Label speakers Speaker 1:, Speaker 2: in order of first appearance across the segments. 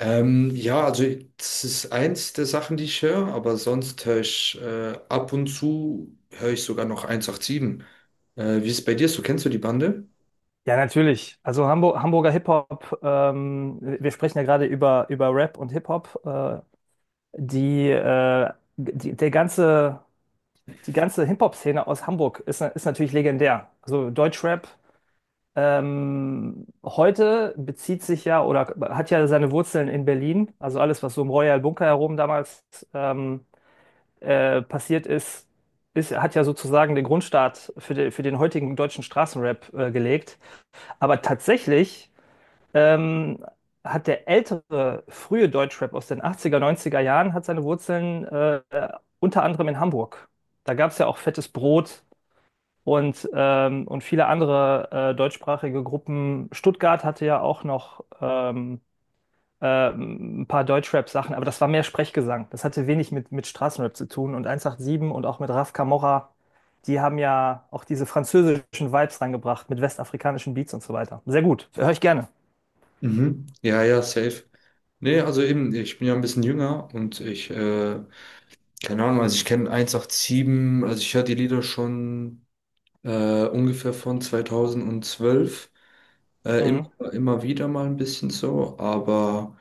Speaker 1: Ja, also das ist eins der Sachen, die ich höre, aber sonst höre ich ab und zu höre ich sogar noch 187. Wie ist es bei dir so? Kennst du die Bande?
Speaker 2: Ja, natürlich. Also Hamburg, Hamburger Hip-Hop, wir sprechen ja gerade über Rap und Hip-Hop. Die, äh, die, der ganze, die ganze Hip-Hop-Szene aus Hamburg ist natürlich legendär. Also Deutschrap heute bezieht sich ja oder hat ja seine Wurzeln in Berlin. Also alles, was so im Royal Bunker herum damals ähm, passiert ist, hat ja sozusagen den Grundstart für den heutigen deutschen Straßenrap gelegt. Aber tatsächlich ähm, hat der ältere, frühe Deutschrap aus den 80er 90er Jahren, hat seine Wurzeln unter anderem in Hamburg. Da gab es ja auch Fettes Brot und viele andere deutschsprachige Gruppen. Stuttgart hatte ja auch noch ein paar Deutschrap-Sachen, aber das war mehr Sprechgesang. Das hatte wenig mit Straßenrap zu tun. Und 187 und auch mit Raf Camora, die haben ja auch diese französischen Vibes reingebracht mit westafrikanischen Beats und so weiter. Sehr gut, höre ich gerne.
Speaker 1: Mhm. Ja, ja, safe. Nee, also eben, ich bin ja ein bisschen jünger und keine Ahnung, also ich kenne 187, also ich höre die Lieder schon ungefähr von 2012. Äh,
Speaker 2: Mhm.
Speaker 1: immer, Immer wieder mal ein bisschen so, aber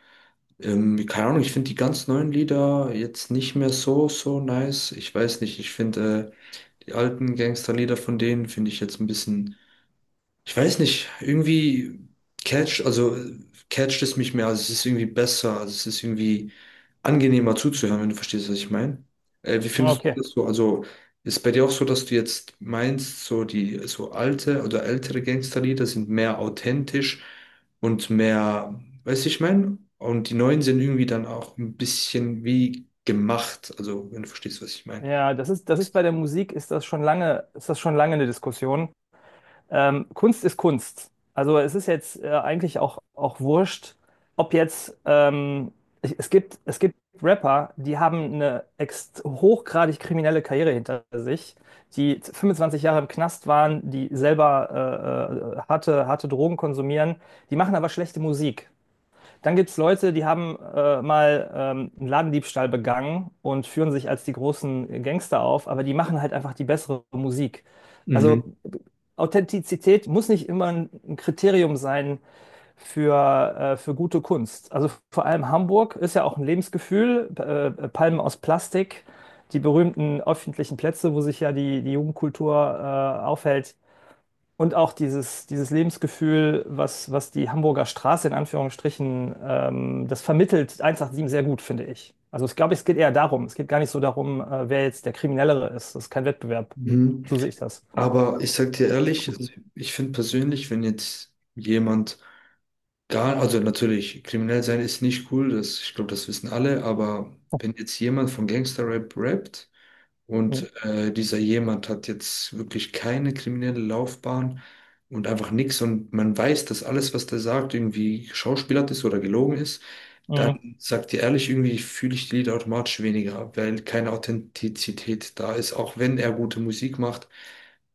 Speaker 1: keine Ahnung, ich finde die ganz neuen Lieder jetzt nicht mehr so, so nice. Ich weiß nicht, ich finde die alten Gangsterlieder von denen finde ich jetzt ein bisschen. Ich weiß nicht, irgendwie catcht, also äh, catcht es mich mehr, also es ist irgendwie besser, also es ist irgendwie angenehmer zuzuhören, wenn du verstehst, was ich meine. Wie findest du
Speaker 2: Okay.
Speaker 1: das so? Also ist bei dir auch so, dass du jetzt meinst, so die so alte oder ältere Gangsterlieder sind mehr authentisch und mehr, weißt du, ich meine? Und die neuen sind irgendwie dann auch ein bisschen wie gemacht, also wenn du verstehst, was ich meine.
Speaker 2: Ja, das ist bei der Musik ist das schon lange eine Diskussion. Kunst ist Kunst. Also es ist jetzt eigentlich auch wurscht, ob jetzt es gibt Rapper, die haben eine ext hochgradig kriminelle Karriere hinter sich, die 25 Jahre im Knast waren, die selber harte Drogen konsumieren, die machen aber schlechte Musik. Dann gibt es Leute, die haben mal einen Ladendiebstahl begangen und führen sich als die großen Gangster auf, aber die machen halt einfach die bessere Musik. Also
Speaker 1: Mhm.
Speaker 2: Authentizität muss nicht immer ein Kriterium sein für gute Kunst. Also vor allem Hamburg ist ja auch ein Lebensgefühl. Palmen aus Plastik, die berühmten öffentlichen Plätze, wo sich ja die Jugendkultur aufhält, und auch dieses Lebensgefühl, was die Hamburger Straße in Anführungsstrichen, das vermittelt 187 sehr gut, finde ich. Also ich glaube, es geht eher darum. Es geht gar nicht so darum, wer jetzt der Kriminellere ist. Das ist kein Wettbewerb.
Speaker 1: Mhm.
Speaker 2: So sehe ich das.
Speaker 1: Aber ich sag dir ehrlich, also ich finde persönlich, wenn jetzt jemand gar, also natürlich, kriminell sein ist nicht cool, das, ich glaube, das wissen alle, aber wenn jetzt jemand von Gangster-Rap rappt
Speaker 2: Mhm.
Speaker 1: und dieser jemand hat jetzt wirklich keine kriminelle Laufbahn und einfach nichts und man weiß, dass alles, was der sagt, irgendwie geschauspielert ist oder gelogen ist,
Speaker 2: Mhm.
Speaker 1: dann sagt dir ehrlich, irgendwie fühle ich die Lieder automatisch weniger, weil keine Authentizität da ist, auch wenn er gute Musik macht.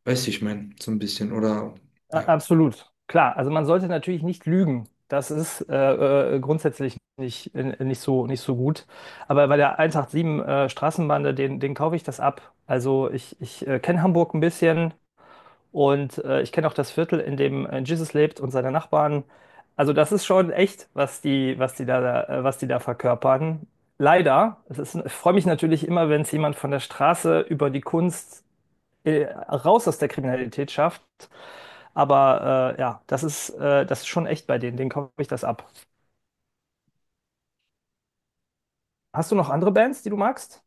Speaker 1: Weißt du, ich meine, so ein bisschen, oder? Ja.
Speaker 2: Absolut. Klar, also man sollte natürlich nicht lügen. Das ist grundsätzlich nicht so gut. Aber bei der 187 Straßenbahn, den kaufe ich das ab. Also ich kenne Hamburg ein bisschen. Und ich kenne auch das Viertel, in dem Jesus lebt und seine Nachbarn. Also das ist schon echt, was die da verkörpern. Leider, ich freue mich natürlich immer, wenn es jemand von der Straße über die Kunst raus aus der Kriminalität schafft. Aber ja, das ist schon echt bei denen. Denen kaufe ich das ab. Hast du noch andere Bands, die du magst?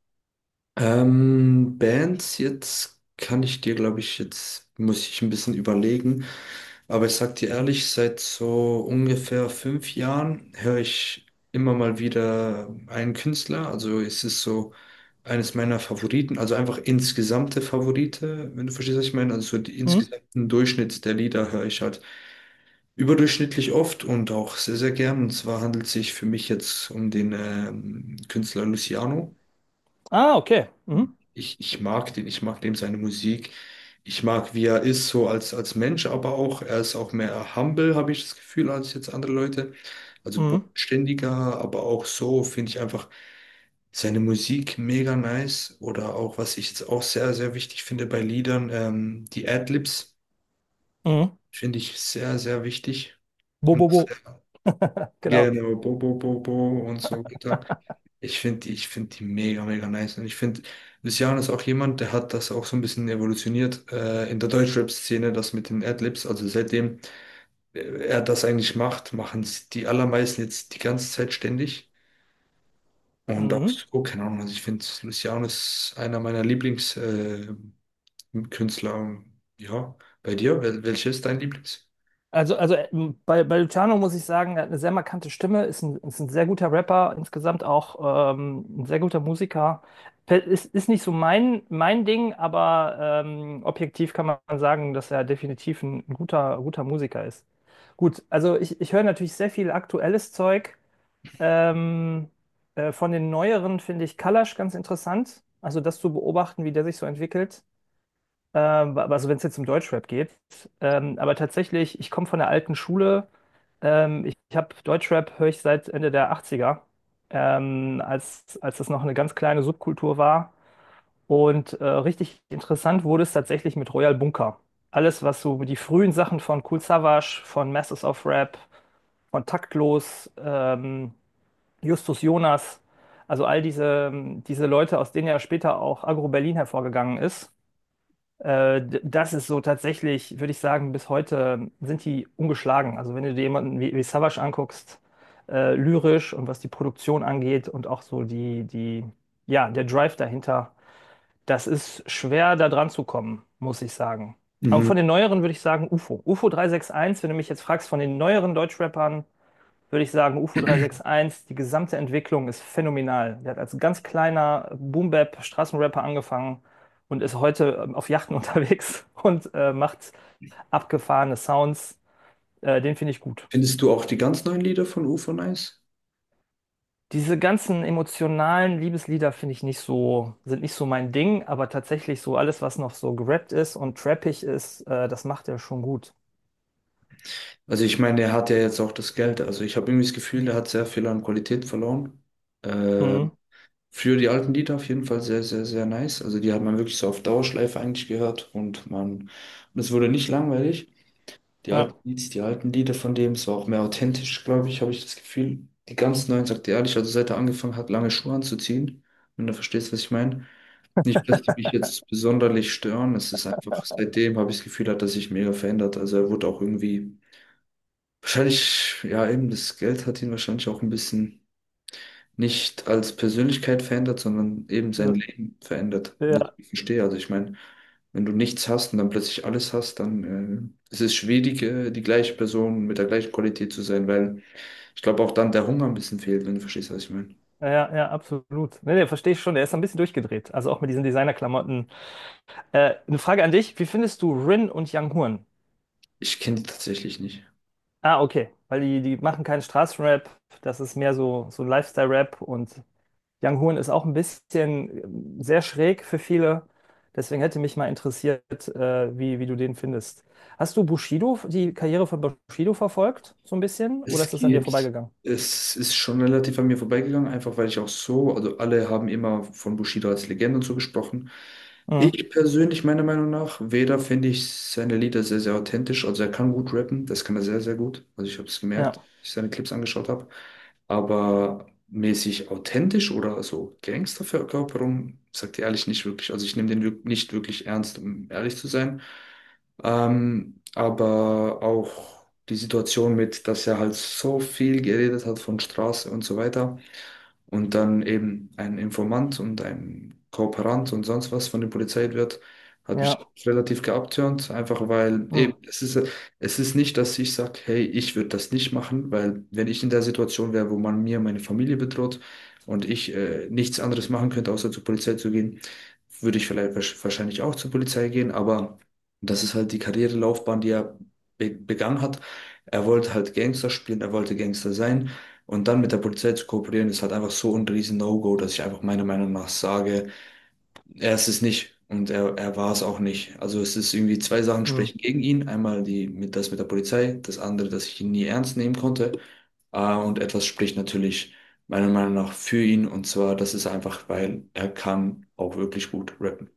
Speaker 1: Bands, jetzt kann ich dir, glaube ich, jetzt muss ich ein bisschen überlegen. Aber ich sag dir ehrlich, seit so ungefähr 5 Jahren höre ich immer mal wieder einen Künstler. Also es ist so eines meiner Favoriten, also einfach insgesamte Favorite, wenn du verstehst, was ich meine. Also so die
Speaker 2: Mhm.
Speaker 1: insgesamten Durchschnitt der Lieder höre ich halt. Überdurchschnittlich oft und auch sehr, sehr gern. Und zwar handelt es sich für mich jetzt um den Künstler Luciano.
Speaker 2: Ah, okay. Mhm.
Speaker 1: Ich mag den, ich mag dem seine Musik. Ich mag, wie er ist, so als Mensch, aber auch, er ist auch mehr humble, habe ich das Gefühl, als jetzt andere Leute. Also
Speaker 2: Mhm.
Speaker 1: bodenständiger, aber auch so finde ich einfach seine Musik mega nice. Oder auch, was ich jetzt auch sehr, sehr wichtig finde bei Liedern, die Adlibs
Speaker 2: Mhm.
Speaker 1: finde ich sehr, sehr wichtig.
Speaker 2: Bo, bo,
Speaker 1: Und
Speaker 2: bo. Genau.
Speaker 1: genau, bo bo Bo, Bo und so weiter. Ich finde die mega, mega nice. Und ich finde, Luciano ist auch jemand, der hat das auch so ein bisschen evolutioniert in der Deutschrap-Szene, das mit den Adlibs. Also seitdem er das eigentlich macht, machen es die allermeisten jetzt die ganze Zeit ständig. Und auch
Speaker 2: Mhm.
Speaker 1: so, keine Ahnung, also ich finde, Luciano ist einer meiner Lieblingskünstler. Künstler. Ja, bei dir, welches ist dein Lieblings?
Speaker 2: Also, bei Luciano muss ich sagen, er hat eine sehr markante Stimme, ist ein sehr guter Rapper, insgesamt auch ein sehr guter Musiker. Ist nicht so mein Ding, aber objektiv kann man sagen, dass er definitiv ein guter Musiker ist. Gut, also ich höre natürlich sehr viel aktuelles Zeug. Ähm, von den neueren finde ich Kalash ganz interessant. Also das zu beobachten, wie der sich so entwickelt. Also wenn es jetzt um Deutschrap geht. Aber tatsächlich, ich komme von der alten Schule. Ich habe Deutschrap, höre ich seit Ende der 80er, als das noch eine ganz kleine Subkultur war. Und richtig interessant wurde es tatsächlich mit Royal Bunker. Alles, was so die frühen Sachen von Kool Savas, von Masters of Rap, von Taktlos, Justus Jonas, also all diese Leute, aus denen ja später auch Agro Berlin hervorgegangen ist, das ist so tatsächlich, würde ich sagen, bis heute sind die ungeschlagen. Also wenn du dir jemanden wie Savas anguckst, lyrisch und was die Produktion angeht und auch so ja, der Drive dahinter, das ist schwer da dran zu kommen, muss ich sagen. Aber
Speaker 1: Mhm.
Speaker 2: von den neueren würde ich sagen UFO. UFO 361, wenn du mich jetzt fragst, von den neueren Deutschrappern, würde ich sagen, UFO 361, die gesamte Entwicklung ist phänomenal. Der hat als ganz kleiner Boom-Bap-Straßenrapper angefangen und ist heute auf Yachten unterwegs und macht abgefahrene Sounds. Den finde ich gut.
Speaker 1: Findest du auch die ganz neuen Lieder von UFO nice?
Speaker 2: Diese ganzen emotionalen Liebeslieder finde ich nicht so, sind nicht so mein Ding, aber tatsächlich so alles, was noch so gerappt ist und trappig ist, das macht er schon gut.
Speaker 1: Also ich meine, er hat ja jetzt auch das Geld. Also ich habe irgendwie das Gefühl, der hat sehr viel an Qualität verloren. Äh,
Speaker 2: Mhm.
Speaker 1: früher die alten Lieder auf jeden Fall sehr, sehr, sehr nice. Also die hat man wirklich so auf Dauerschleife eigentlich gehört und man, und es wurde nicht langweilig. Die
Speaker 2: Ja.
Speaker 1: alten Lieds, die alten Lieder von dem, es war auch mehr authentisch, glaube ich, habe ich das Gefühl. Die ganz neuen, sagt er ehrlich, also seit er angefangen hat, lange Schuhe anzuziehen, wenn du verstehst, was ich meine. Nicht, dass die mich jetzt besonderlich stören, es ist einfach, seitdem habe ich das Gefühl, hat er sich mega verändert. Also er wurde auch irgendwie wahrscheinlich, ja, eben das Geld hat ihn wahrscheinlich auch ein bisschen nicht als Persönlichkeit verändert, sondern eben sein Leben verändert. Das
Speaker 2: Ja,
Speaker 1: ich verstehe, also ich meine, wenn du nichts hast und dann plötzlich alles hast, dann ist es schwierig, die gleiche Person mit der gleichen Qualität zu sein, weil ich glaube auch dann der Hunger ein bisschen fehlt, wenn du verstehst, was ich meine.
Speaker 2: ja, ja, absolut. Nee, nee, verstehe ich schon. Er ist ein bisschen durchgedreht. Also auch mit diesen Designerklamotten. Eine Frage an dich. Wie findest du Rin und Young Horn?
Speaker 1: Ich kenne die tatsächlich nicht.
Speaker 2: Ah, okay. Weil die machen keinen Straßenrap. Das ist mehr so, ein Lifestyle-Rap. Und Young Horn ist auch ein bisschen sehr schräg für viele. Deswegen hätte mich mal interessiert, wie du den findest. Hast du Bushido, die Karriere von Bushido verfolgt? So ein bisschen? Oder
Speaker 1: Es
Speaker 2: ist das an dir
Speaker 1: geht,
Speaker 2: vorbeigegangen?
Speaker 1: es ist schon relativ an mir vorbeigegangen, einfach weil ich auch so, also alle haben immer von Bushido als Legende und so gesprochen.
Speaker 2: Mhm.
Speaker 1: Ich persönlich, meiner Meinung nach, weder finde ich seine Lieder sehr, sehr authentisch. Also er kann gut rappen, das kann er sehr, sehr gut. Also ich habe es gemerkt,
Speaker 2: Ja,
Speaker 1: als ich seine Clips angeschaut habe. Aber mäßig authentisch oder so Gangsterverkörperung, sagt er ehrlich nicht wirklich. Also ich nehme den nicht wirklich ernst, um ehrlich zu sein. Aber auch die Situation mit, dass er halt so viel geredet hat von Straße und so weiter und dann eben ein Informant und ein Kooperant und sonst was von der Polizei wird, hat mich
Speaker 2: ja.
Speaker 1: relativ geabturnt, einfach weil eben,
Speaker 2: Mhm.
Speaker 1: es ist nicht, dass ich sage, hey, ich würde das nicht machen, weil wenn ich in der Situation wäre, wo man mir meine Familie bedroht und ich nichts anderes machen könnte, außer zur Polizei zu gehen, würde ich vielleicht wahrscheinlich auch zur Polizei gehen, aber das ist halt die Karrierelaufbahn, die er be begangen hat. Er wollte halt Gangster spielen, er wollte Gangster sein. Und dann mit der Polizei zu kooperieren, ist halt einfach so ein riesen No-Go, dass ich einfach meiner Meinung nach sage, er ist es nicht und er war es auch nicht. Also es ist irgendwie zwei Sachen sprechen
Speaker 2: Mhm.
Speaker 1: gegen ihn. Einmal die, mit, das mit der Polizei, das andere, dass ich ihn nie ernst nehmen konnte. Und etwas spricht natürlich meiner Meinung nach für ihn. Und zwar, das ist einfach, weil er kann auch wirklich gut rappen.